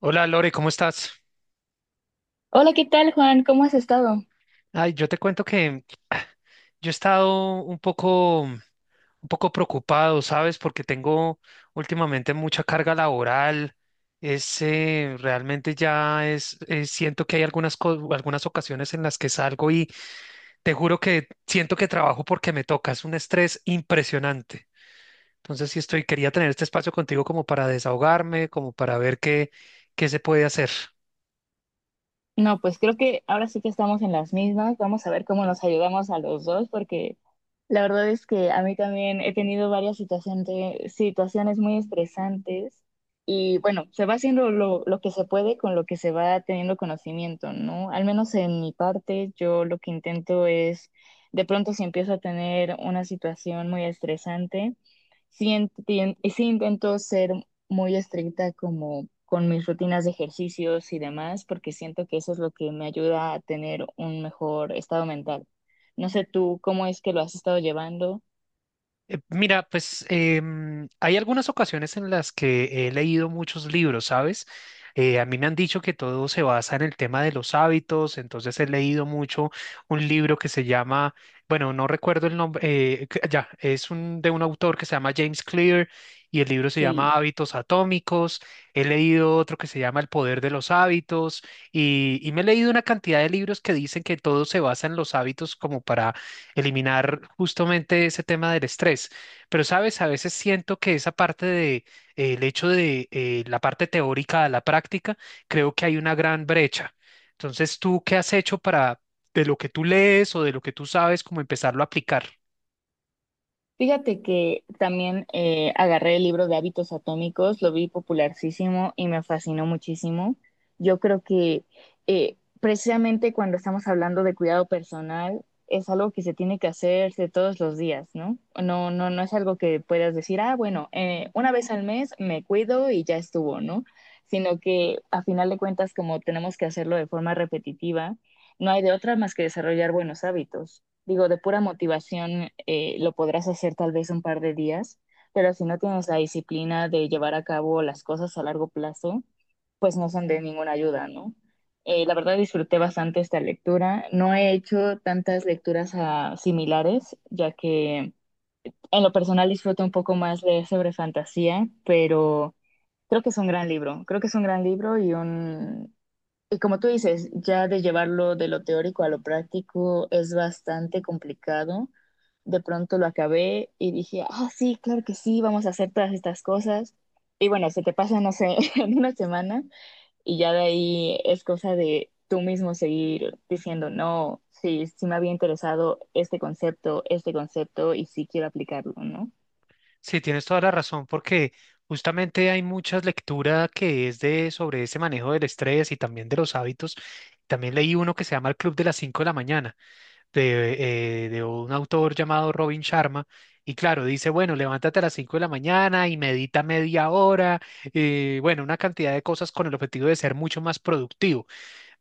Hola Lore, ¿cómo estás? Hola, ¿qué tal, Juan? ¿Cómo has estado? Ay, yo te cuento que yo he estado un poco preocupado, ¿sabes? Porque tengo últimamente mucha carga laboral. Realmente ya siento que hay algunas ocasiones en las que salgo y te juro que siento que trabajo porque me toca. Es un estrés impresionante. Entonces, sí estoy, quería tener este espacio contigo como para desahogarme, como para ver qué se puede hacer. No, pues creo que ahora sí que estamos en las mismas. Vamos a ver cómo nos ayudamos a los dos, porque la verdad es que a mí también he tenido varias situaciones, situaciones muy estresantes y bueno, se va haciendo lo que se puede con lo que se va teniendo conocimiento, ¿no? Al menos en mi parte, yo lo que intento es, de pronto si empiezo a tener una situación muy estresante. Sí, sí intento ser muy estricta como con mis rutinas de ejercicios y demás, porque siento que eso es lo que me ayuda a tener un mejor estado mental. No sé tú cómo es que lo has estado llevando, Mira, hay algunas ocasiones en las que he leído muchos libros, ¿sabes? A mí me han dicho que todo se basa en el tema de los hábitos, entonces he leído mucho un libro que se llama, bueno, no recuerdo el nombre, ya, es un, de un autor que se llama James Clear y el libro se llama sí. Hábitos Atómicos, he leído otro que se llama El Poder de los Hábitos y me he leído una cantidad de libros que dicen que todo se basa en los hábitos como para eliminar justamente ese tema del estrés. Pero, sabes, a veces siento que esa parte de el hecho de la parte teórica a la práctica, creo que hay una gran brecha. Entonces, ¿tú qué has hecho para de lo que tú lees o de lo que tú sabes, como empezarlo a aplicar? Fíjate que también agarré el libro de hábitos atómicos, lo vi popularísimo y me fascinó muchísimo. Yo creo que precisamente cuando estamos hablando de cuidado personal, es algo que se tiene que hacer de todos los días, ¿no? No, no, no es algo que puedas decir, ah, bueno, una vez al mes me cuido y ya estuvo, ¿no? Sino que a final de cuentas, como tenemos que hacerlo de forma repetitiva, no hay de otra más que desarrollar buenos hábitos. Digo, de pura motivación lo podrás hacer tal vez un par de días, pero si no tienes la disciplina de llevar a cabo las cosas a largo plazo, pues no son de ninguna ayuda, ¿no? La verdad disfruté bastante esta lectura. No he hecho tantas lecturas similares, ya que en lo personal disfruto un poco más leer sobre fantasía, pero creo que es un gran libro. Creo que es un gran libro y como tú dices, ya de llevarlo de lo teórico a lo práctico es bastante complicado. De pronto lo acabé y dije, ah, sí, claro que sí, vamos a hacer todas estas cosas. Y bueno, se te pasa, no sé, en una semana y ya de ahí es cosa de tú mismo seguir diciendo, no, sí, sí me había interesado este concepto y sí quiero aplicarlo, ¿no? Sí, tienes toda la razón, porque justamente hay muchas lecturas que es de sobre ese manejo del estrés y también de los hábitos. También leí uno que se llama El Club de las cinco de la mañana de un autor llamado Robin Sharma. Y claro, dice, bueno, levántate a las 5 de la mañana y medita media hora, bueno, una cantidad de cosas con el objetivo de ser mucho más productivo.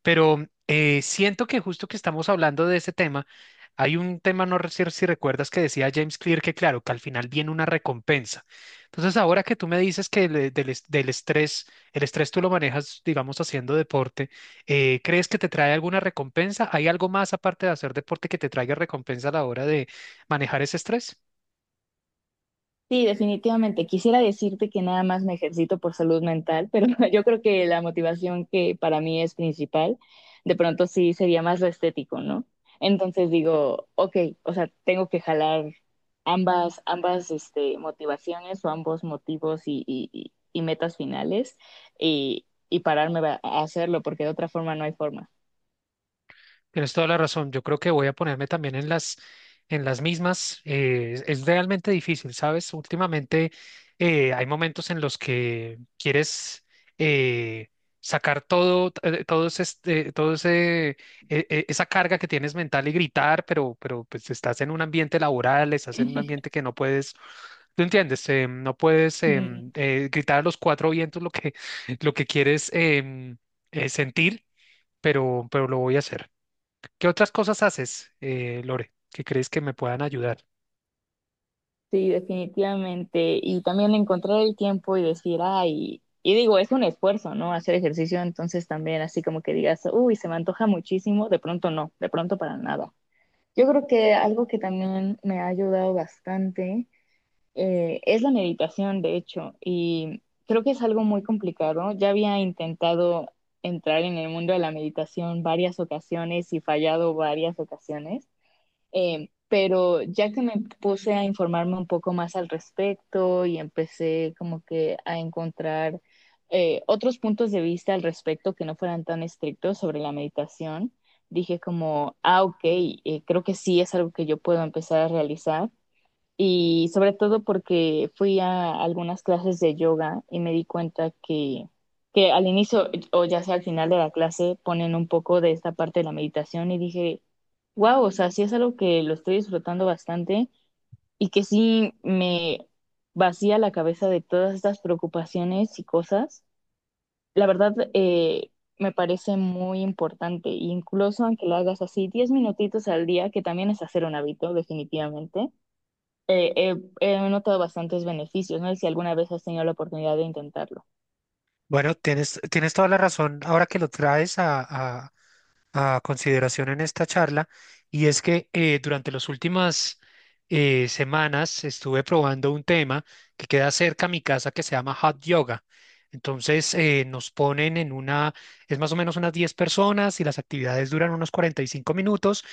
Pero siento que justo que estamos hablando de ese tema, hay un tema, no sé si recuerdas que decía James Clear que claro, que al final viene una recompensa. Entonces, ahora que tú me dices que le- del, es- del estrés, el estrés tú lo manejas, digamos, haciendo deporte, ¿crees que te trae alguna recompensa? ¿Hay algo más aparte de hacer deporte que te traiga recompensa a la hora de manejar ese estrés? Sí, definitivamente. Quisiera decirte que nada más me ejercito por salud mental, pero yo creo que la motivación que para mí es principal, de pronto sí sería más lo estético, ¿no? Entonces digo, ok, o sea, tengo que jalar ambas, este, motivaciones o ambos motivos y metas finales y pararme a hacerlo, porque de otra forma no hay forma. Tienes toda la razón. Yo creo que voy a ponerme también en las mismas. Es realmente difícil, ¿sabes? Últimamente hay momentos en los que quieres eh, sacar todo esa carga que tienes mental y gritar, pero pues estás en un ambiente laboral, estás en un ambiente que no puedes ¿Tú entiendes? No puedes Mm. Gritar a los cuatro vientos lo que, lo que quieres sentir, pero lo voy a hacer. ¿Qué otras cosas haces, Lore, que crees que me puedan ayudar? Sí, definitivamente. Y también encontrar el tiempo y decir, ay, y digo, es un esfuerzo, ¿no? Hacer ejercicio, entonces también así como que digas, uy, se me antoja muchísimo, de pronto no, de pronto para nada. Yo creo que algo que también me ha ayudado bastante es la meditación, de hecho, y creo que es algo muy complicado. Ya había intentado entrar en el mundo de la meditación varias ocasiones y fallado varias ocasiones. Pero ya que me puse a informarme un poco más al respecto y empecé como que a encontrar otros puntos de vista al respecto que no fueran tan estrictos sobre la meditación, dije como, ah, ok, creo que sí es algo que yo puedo empezar a realizar y sobre todo porque fui a algunas clases de yoga y me di cuenta que al inicio o ya sea al final de la clase ponen un poco de esta parte de la meditación y dije, wow, o sea, sí es algo que lo estoy disfrutando bastante y que sí me vacía la cabeza de todas estas preocupaciones y cosas. La verdad, me parece muy importante, incluso aunque lo hagas así 10 minutitos al día, que también es hacer un hábito, definitivamente eh, he he notado bastantes beneficios, ¿no? Y si alguna vez has tenido la oportunidad de intentarlo. Bueno, tienes toda la razón ahora que lo traes a- a consideración en esta charla, y es que durante las últimas semanas estuve probando un tema que queda cerca a mi casa que se llama Hot Yoga. Entonces nos ponen en una, es más o menos unas 10 personas y las actividades duran unos 45 minutos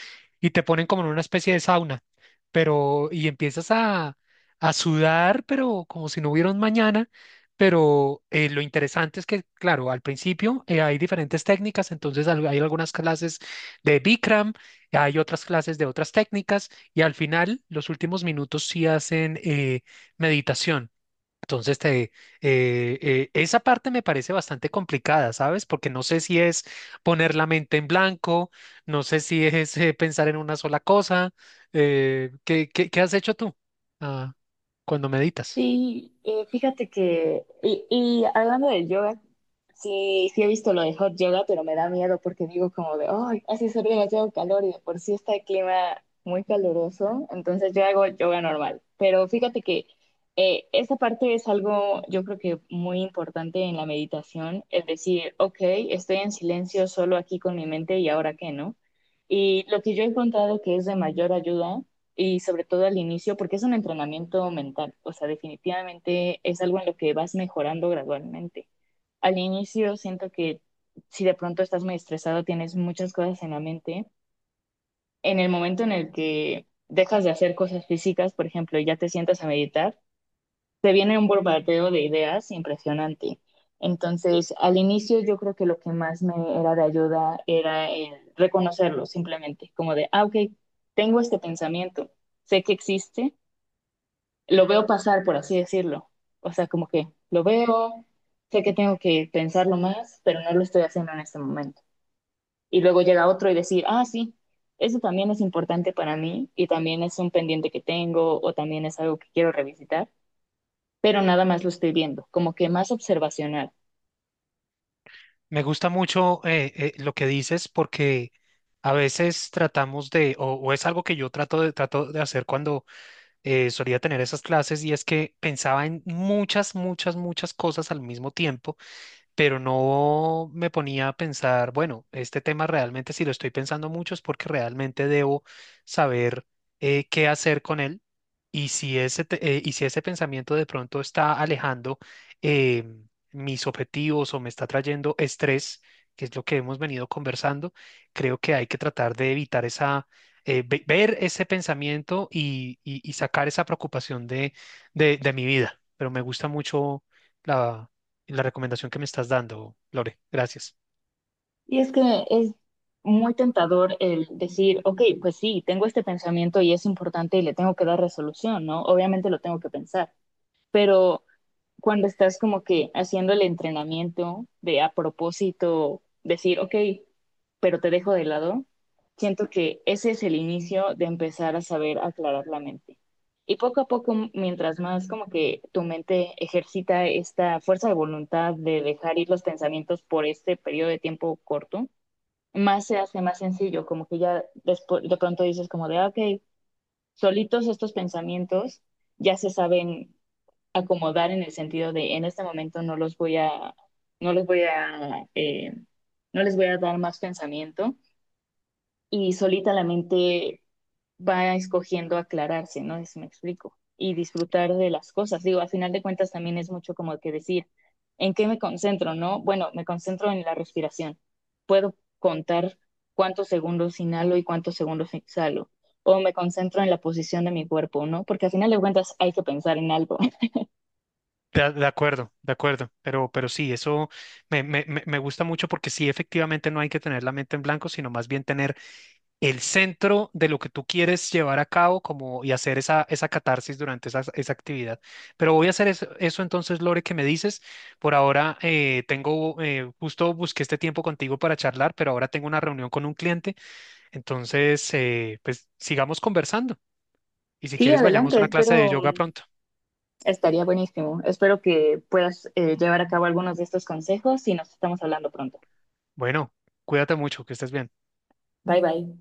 y te ponen como en una especie de sauna, pero y empiezas a sudar, pero como si no hubiera un mañana. Pero lo interesante es que, claro, al principio hay diferentes técnicas, entonces al- hay algunas clases de Bikram, hay otras clases de otras técnicas y al final, los últimos minutos sí hacen meditación. Entonces, esa parte me parece bastante complicada, ¿sabes? Porque no sé si es poner la mente en blanco, no sé si es pensar en una sola cosa. ¿Qué has hecho tú ah, cuando meditas? Sí, fíjate y hablando del yoga, sí, sí he visto lo de hot yoga, pero me da miedo porque digo como de, ay, hace ser demasiado calor y de por sí está el clima muy caluroso, entonces yo hago yoga normal. Pero fíjate que esa parte es algo, yo creo que muy importante en la meditación, es decir, ok, estoy en silencio solo aquí con mi mente y ahora qué, ¿no? Y lo que yo he encontrado que es de mayor ayuda y sobre todo al inicio, porque es un entrenamiento mental, o sea, definitivamente es algo en lo que vas mejorando gradualmente. Al inicio siento que si de pronto estás muy estresado, tienes muchas cosas en la mente, en el momento en el que dejas de hacer cosas físicas, por ejemplo, y ya te sientas a meditar, te viene un bombardeo de ideas impresionante. Entonces, al inicio yo creo que lo que más me era de ayuda era el reconocerlo simplemente, como de, ah, ok, tengo este pensamiento, sé que existe, lo veo pasar, por así decirlo. O sea, como que lo veo, sé que tengo que pensarlo más, pero no lo estoy haciendo en este momento. Y luego llega otro y decir, ah, sí, eso también es importante para mí y también es un pendiente que tengo o también es algo que quiero revisitar, pero nada más lo estoy viendo, como que más observacional. Me gusta mucho lo que dices porque a veces tratamos de, o es algo que yo trato trato de hacer cuando solía tener esas clases y es que pensaba en muchas cosas al mismo tiempo, pero no me ponía a pensar, bueno, este tema realmente si lo estoy pensando mucho es porque realmente debo saber qué hacer con él. Y si ese pensamiento de pronto está alejando eh, mis objetivos o me está trayendo estrés, que es lo que hemos venido conversando, creo que hay que tratar de evitar esa... ver ese pensamiento y sacar esa preocupación de mi vida. Pero me gusta mucho la recomendación que me estás dando, Lore. Gracias. Y es que es muy tentador el decir, ok, pues sí, tengo este pensamiento y es importante y le tengo que dar resolución, ¿no? Obviamente lo tengo que pensar, pero cuando estás como que haciendo el entrenamiento de a propósito decir, ok, pero te dejo de lado, siento que ese es el inicio de empezar a saber aclarar la mente. Y poco a poco, mientras más como que tu mente ejercita esta fuerza de voluntad de dejar ir los pensamientos por este periodo de tiempo corto, más se hace más sencillo, como que ya de pronto dices como de, ah, ok, solitos estos pensamientos ya se saben acomodar en el sentido de en este momento no los voy a, no les voy a, no les voy a dar más pensamiento y solita la mente va escogiendo aclararse, ¿no? Es me explico. Y disfrutar de las cosas. Digo, a final de cuentas también es mucho como que decir, ¿en qué me concentro, no? Bueno, me concentro en la respiración. Puedo contar cuántos segundos inhalo y cuántos segundos exhalo. O me concentro en la posición de mi cuerpo, ¿no? Porque a final de cuentas hay que pensar en algo. De acuerdo, de acuerdo. Pero sí, eso me gusta mucho porque sí, efectivamente no hay que tener la mente en blanco, sino más bien tener el centro de lo que tú quieres llevar a cabo como, y hacer esa catarsis durante esa actividad. Pero voy a hacer eso entonces, Lore, que me dices. Por ahora justo busqué este tiempo contigo para charlar, pero ahora tengo una reunión con un cliente. Entonces, pues sigamos conversando. Y si Sí, quieres, vayamos a adelante, una clase espero, de yoga mm, pronto. estaría buenísimo. Espero que puedas llevar a cabo algunos de estos consejos y nos estamos hablando pronto. Bueno, cuídate mucho, que estés bien. Bye bye.